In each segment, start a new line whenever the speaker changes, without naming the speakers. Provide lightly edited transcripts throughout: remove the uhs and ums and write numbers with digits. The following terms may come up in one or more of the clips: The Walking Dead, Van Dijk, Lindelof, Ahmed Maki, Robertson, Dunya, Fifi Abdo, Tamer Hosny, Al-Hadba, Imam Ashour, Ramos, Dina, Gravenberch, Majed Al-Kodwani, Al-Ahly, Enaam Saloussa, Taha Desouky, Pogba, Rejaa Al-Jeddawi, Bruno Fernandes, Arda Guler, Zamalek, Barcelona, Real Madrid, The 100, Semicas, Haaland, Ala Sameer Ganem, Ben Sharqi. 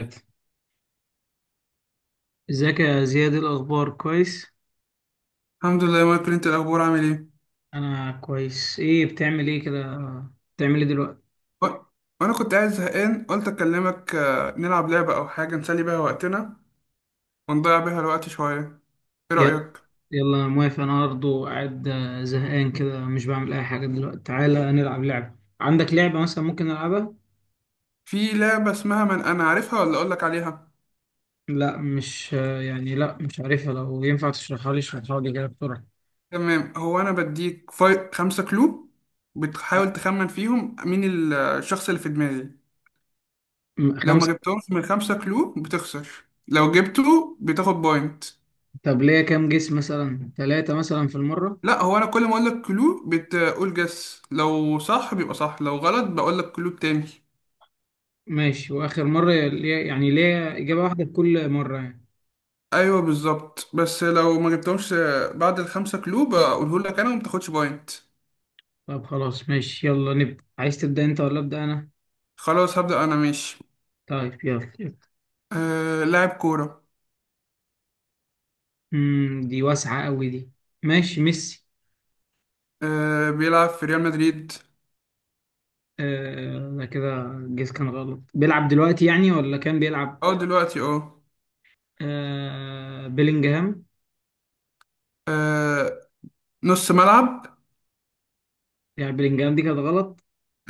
ثلاثة. ازيك يا زياد؟ إيه الاخبار، كويس؟
الحمد لله يا مايكل، انت الاخبار عامل ايه؟
انا كويس. ايه بتعمل ايه كده؟ بتعمل ايه دلوقتي؟
و- وانا كنت قاعد زهقان، قلت اكلمك. نلعب لعبه او حاجه نسلي بيها وقتنا ونضيع بيها الوقت شويه. ايه
يلا،
رايك
يلا موافق. انا برضه قاعد زهقان كده، مش بعمل اي حاجه دلوقتي. تعالى نلعب لعبه، عندك لعبه مثلا ممكن نلعبها؟
في لعبه اسمها من انا، عارفها ولا اقول لك عليها؟
لا، مش آه، يعني لا مش عارفها. لو ينفع تشرحها لي اشرحها لي كده بسرعه.
تمام. هو انا بديك فاي خمسة كلو، بتحاول تخمن فيهم مين الشخص اللي في دماغي. لو ما
خمسه؟
جبتهمش من خمسة كلو بتخسر، لو جبته بتاخد بوينت.
طب ليا كام جس، مثلا ثلاثه مثلا في المره؟
لا، هو انا كل ما اقول لك كلو بتقول جس، لو صح بيبقى صح، لو غلط بقول لك كلو تاني.
ماشي، واخر مره ليا يعني، ليا اجابه واحده في كل مره يعني؟
ايوه بالظبط. بس لو ما جبتهمش بعد الخمسة كلوب بقوله لك انا وما بتاخدش بوينت.
طب خلاص ماشي، يلا نبدا. عايز تبدا انت ولا ابدا انا؟
خلاص، هبدأ انا. ماشي،
طيب يلا يلا.
آه لاعب كورة.
دي واسعة قوي دي. ماشي، ميسي.
آه، بيلعب في ريال مدريد.
آه، ده كده الجيس كان غلط. بيلعب دلوقتي يعني ولا كان بيلعب؟
اه دلوقتي اه.
آه، بيلينجهام.
آه، نص ملعب.
يعني بيلينجهام دي كانت غلط.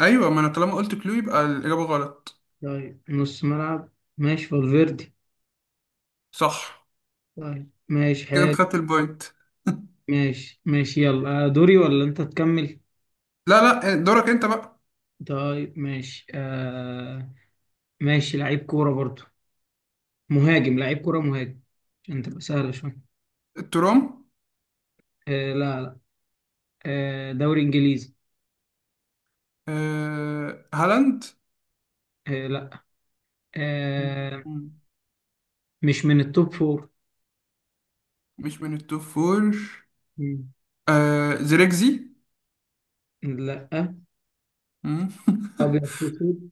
ايوه، ما انا طالما قلت كلو يبقى الإجابة غلط.
طيب نص ملعب، ماشي، فالفيردي.
صح.
طيب ماشي،
كده انت
حلو.
خدت البوينت.
ماشي ماشي، يلا دوري ولا انت تكمل؟
لا لا، دورك انت بقى.
طيب ماشي آه. ماشي، لعيب كورة برضو. مهاجم، لعيب كورة مهاجم، عشان تبقى سهلة شوية.
الترام.
آه لا لا. آه، دوري انجليزي.
آه، هالاند.
آه لا. آه.
مم.
مش من التوب فور.
مش من التوب فور.
مم.
آه، زريكزي.
لا.
مم.
ابيض في اسود.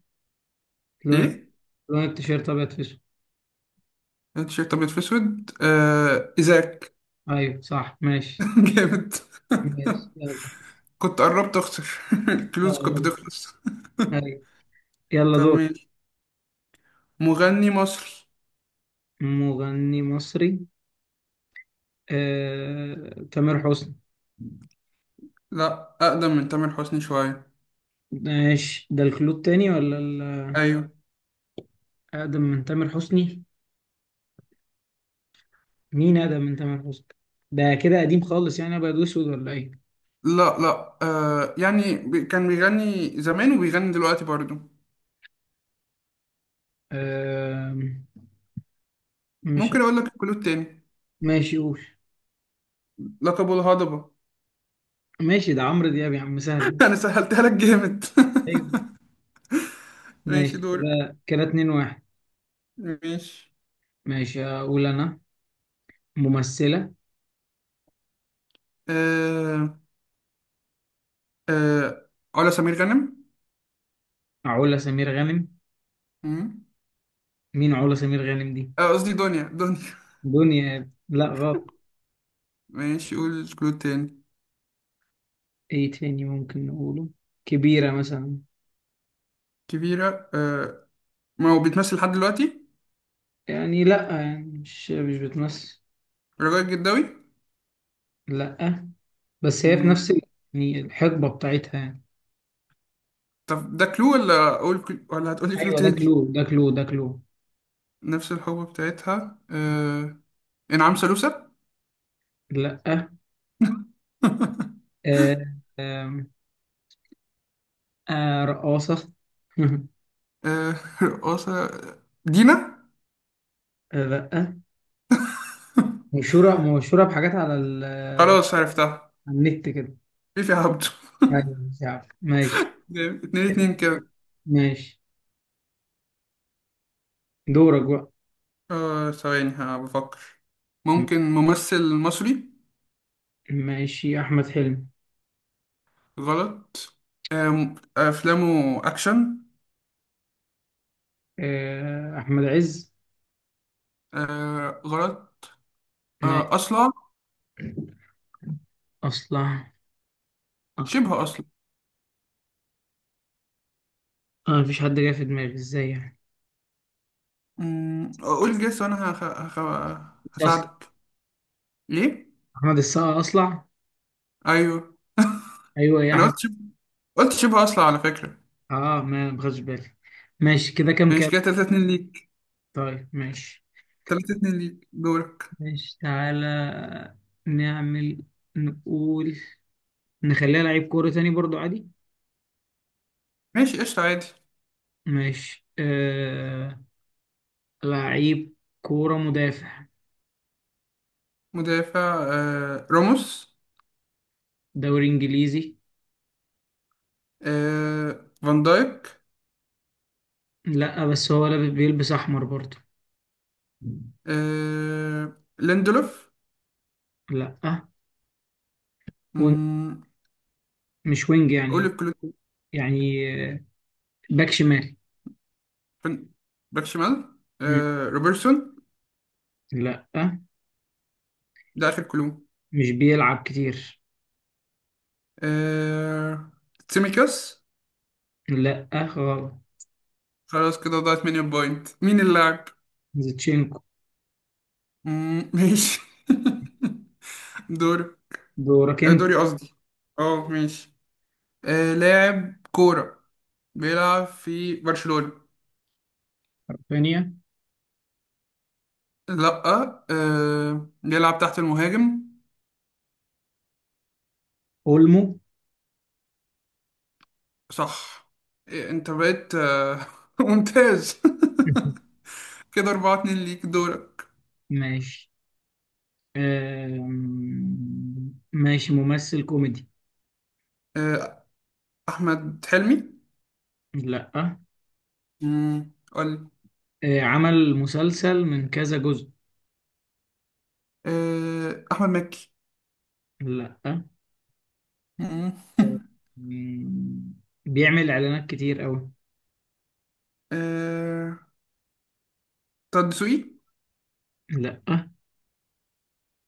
لون.
ايه؟
لون التيشيرت ابيض في اسود.
تيشيرت ابيض في اسود، آه ازاك.
ايوه صح، ماشي.
جامد.
ماشي يلا
كنت قربت اخسر، الكلوز كانت
يلا.
بتخلص.
أيوة. يلا
طب
دور.
ماشي. مغني مصري.
مغني مصري. آه، تامر حسني.
لا، اقدم من تامر حسني شويه.
ماشي، ده الكلود التاني ولا
ايوه.
اقدم من تامر حسني. مين اقدم من تامر حسني؟ ده كده قديم خالص يعني، ابيض واسود ولا ايه؟
لا لا، يعني كان بيغني زمان وبيغني دلوقتي برضه.
آه. مش.
ممكن اقول لك الكلود تاني.
ماشي قول.
لقبه الهضبه.
ماشي، ده عمرو دياب يا عم، سهل.
انا سهلتها لك جامد.
أيوه. ماشي
ماشي، دور.
كده كده، 2-1.
ماشي،
ماشي اقول انا. ممثلة.
آه. آه، علا سمير غانم.
علا سمير غانم.
مم.
مين علا سمير غانم دي؟
قصدي دنيا، دنيا.
دنيا. لا غلط.
ماشي، قول كلود تاني.
ايه تاني ممكن نقوله؟ كبيرة مثلا.
كبيرة آه، ما هو بيتمثل لحد دلوقتي.
يعني لا، يعني مش بتمثل.
رجاء الجداوي.
لا، بس هي في
مم.
نفس يعني الحقبة بتاعتها يعني.
طب ده كلو، ولا أقول كلو ولا هتقولي كلو
ايوه، ده كلو،
تاني؟
ده كلو، ده كلو.
نفس الحقبة بتاعتها آه. إنعام سالوسة.
لا. آه. آه، رقاصة.
آه، رقاصة. دينا.
لا. مشهورة، مشهورة بحاجات على ال،
خلاص، عرفتها.
على النت كده.
فيفي عبده.
يعني مش عارف، ماشي.
جامد. اتنين اتنين كده.
ماشي، دورك بقى.
آه، ثواني ها، بفكر.
م-
ممكن ممثل مصري.
ماشي، أحمد حلمي.
غلط. آه، أفلامه أكشن.
أحمد عز.
آه غلط.
ماشي.
آه، أصلع.
أصلع. أصلع.
شبه اصلا.
مفيش حد جاي في دماغي، إزاي يعني؟
قول الجس وانا
أصلع.
هساعدك. ليه؟
أحمد السقا أصلع.
ايوه،
أيوه يا
انا
أحمد.
قلت شبه، قلت شبه اصلا على فكره.
آه، ما خدش بالي. ماشي كده، كام
ماشي
كام؟
كده 3-2 ليك.
طيب ماشي.
3-2 ليك، دورك.
ماشي، تعالى نعمل، نقول، نخليها لعيب كورة تاني برضو عادي.
ماشي قشطه، عادي.
ماشي لعيب كورة، مدافع.
مدافع. راموس.
دوري إنجليزي.
فان دايك.
لا، بس هو لابس، بيلبس احمر برضه.
ليندلوف.
لا. وينج.
أمم،
مش وينج
قول
يعني.
الكلو.
يعني آه، باك شمال.
فن- باك شمال.
مم.
روبرتسون.
لا،
ده اخر كلو.
مش بيلعب كتير.
آه... سيميكاس.
لا غلط.
خلاص كده، ضاعت مني البوينت. مين اللاعب؟
زيتشينكو.
مم، ماشي. دوري.
دورك انت.
دوري قصدي. اه ماشي. آه، لاعب كورة بيلعب في برشلونة.
ثانية.
لأ. آه، بيلعب تحت المهاجم.
اولمو.
صح. إيه، انت بقيت ممتاز. كده أربعة اتنين ليك، دورك.
ماشي، ماشي، ممثل كوميدي.
آه، أحمد حلمي.
لا.
مم، قولي.
آه، عمل مسلسل من كذا جزء.
آه، أحمد مكي.
لا.
مم.
آم، بيعمل اعلانات كتير قوي.
آه، طه دسوقي.
لا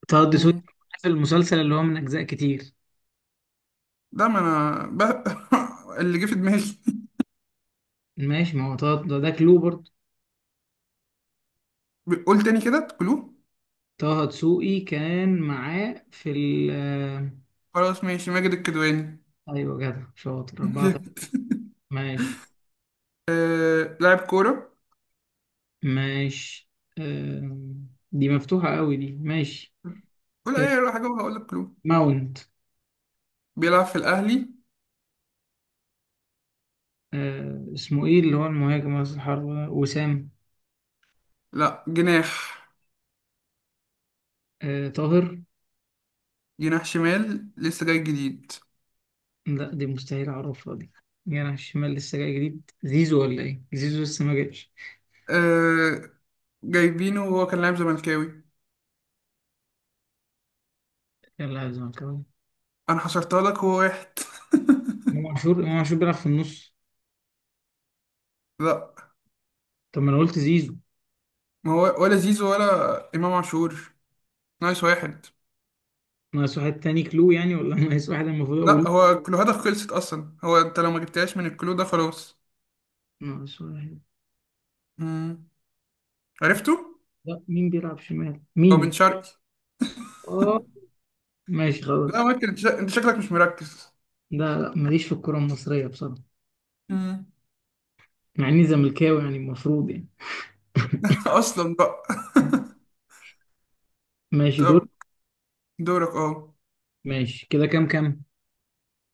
طه دسوقي، في المسلسل اللي هو من أجزاء كتير.
ده ما انا ب... اللي جه في دماغي.
ماشي، ما هو طه ده, ده كلو برضه.
قول تاني، كده كلو.
طه دسوقي كان معاه في ال آه،
خلاص ماشي، ماجد الكدواني.
أيوة، جدع شاطر. 4-3. ماشي.
لاعب كورة.
ماشي، دي مفتوحة قوي دي. ماشي
قول
آه،
اي حاجة وهقول لك كلو.
ماونت.
بيلعب في الاهلي.
آه، اسمه إيه اللي هو المهاجم رأس الحربة ده؟ وسام.
لا، جناح.
آه، طاهر.
جناح شمال، لسه جاي جديد.
لا، دي مستحيل أعرفها دي. جناح الشمال لسه جاي جديد، زيزو ولا إيه؟ زيزو لسه ما جاش.
آه... جايبينه وهو كان لاعب زملكاوي.
يلا يا زملكاوي.
انا حصرتها لك، هو واحد.
إمام عاشور، إمام عاشور بيلعب في النص.
لا،
طب ما انا قلت زيزو.
ما هو ولا زيزو ولا امام عاشور. نايس، واحد.
ناقص واحد تاني كلو يعني، ولا ناقص واحد المفروض اقوله.
لا، هو كلوهاتك خلصت اصلا، هو انت لو ما جبتهاش من الكلو ده خلاص.
ناقص واحد.
عرفته؟
لا، مين بيلعب شمال،
هو بن
مين؟
شرقي.
اه. ماشي
لا
خلاص.
ممكن، انت انت شكلك مش مركز.
لا لا، ماليش في الكرة المصرية بصراحة.
مم.
مع اني زملكاوي يعني، المفروض يعني.
اصلا بقى.
ماشي دور.
طب دورك اه.
ماشي كده كام كام؟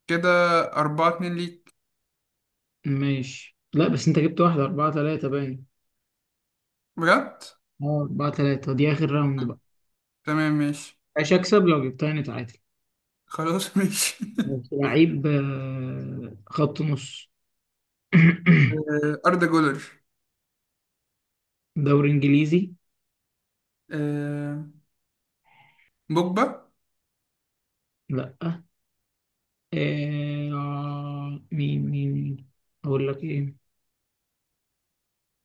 كده أربعة اتنين ليك.
ماشي، لا بس انت جبت واحدة، 4-3 باين.
بجد؟
اه، 4-3. دي آخر راوند بقى.
تمام ماشي.
مش هكسب لو جبتها، نتعادل.
خلاص ماشي.
ماشي. لعيب خط نص.
آه، أردا جولر.
دوري إنجليزي.
آه، بوجبا.
لا. مين أقول لك إيه؟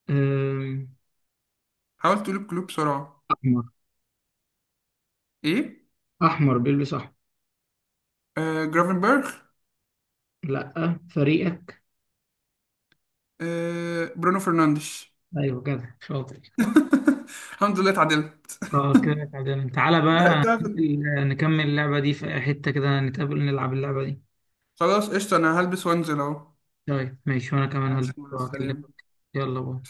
آه.
حاول تقول الكلوب بسرعة.
أحمر.
إيه؟
أحمر بيلبس أحمر.
آه، جرافنبرغ.
لأ، فريقك.
آه، برونو فرنانديش.
أيوه كده، شاطر.
الحمد لله اتعدلت.
اه، كده تعادلنا. تعالى بقى
لحقتها في
ننزل، نكمل اللعبة دي في حتة كده، نتقابل نلعب اللعبة دي.
خلاص قشطة. أنا هلبس وأنزل أهو.
طيب ماشي، وأنا كمان هلبس
ماشي، مع
وهكلمك.
السلامة.
يلا باي.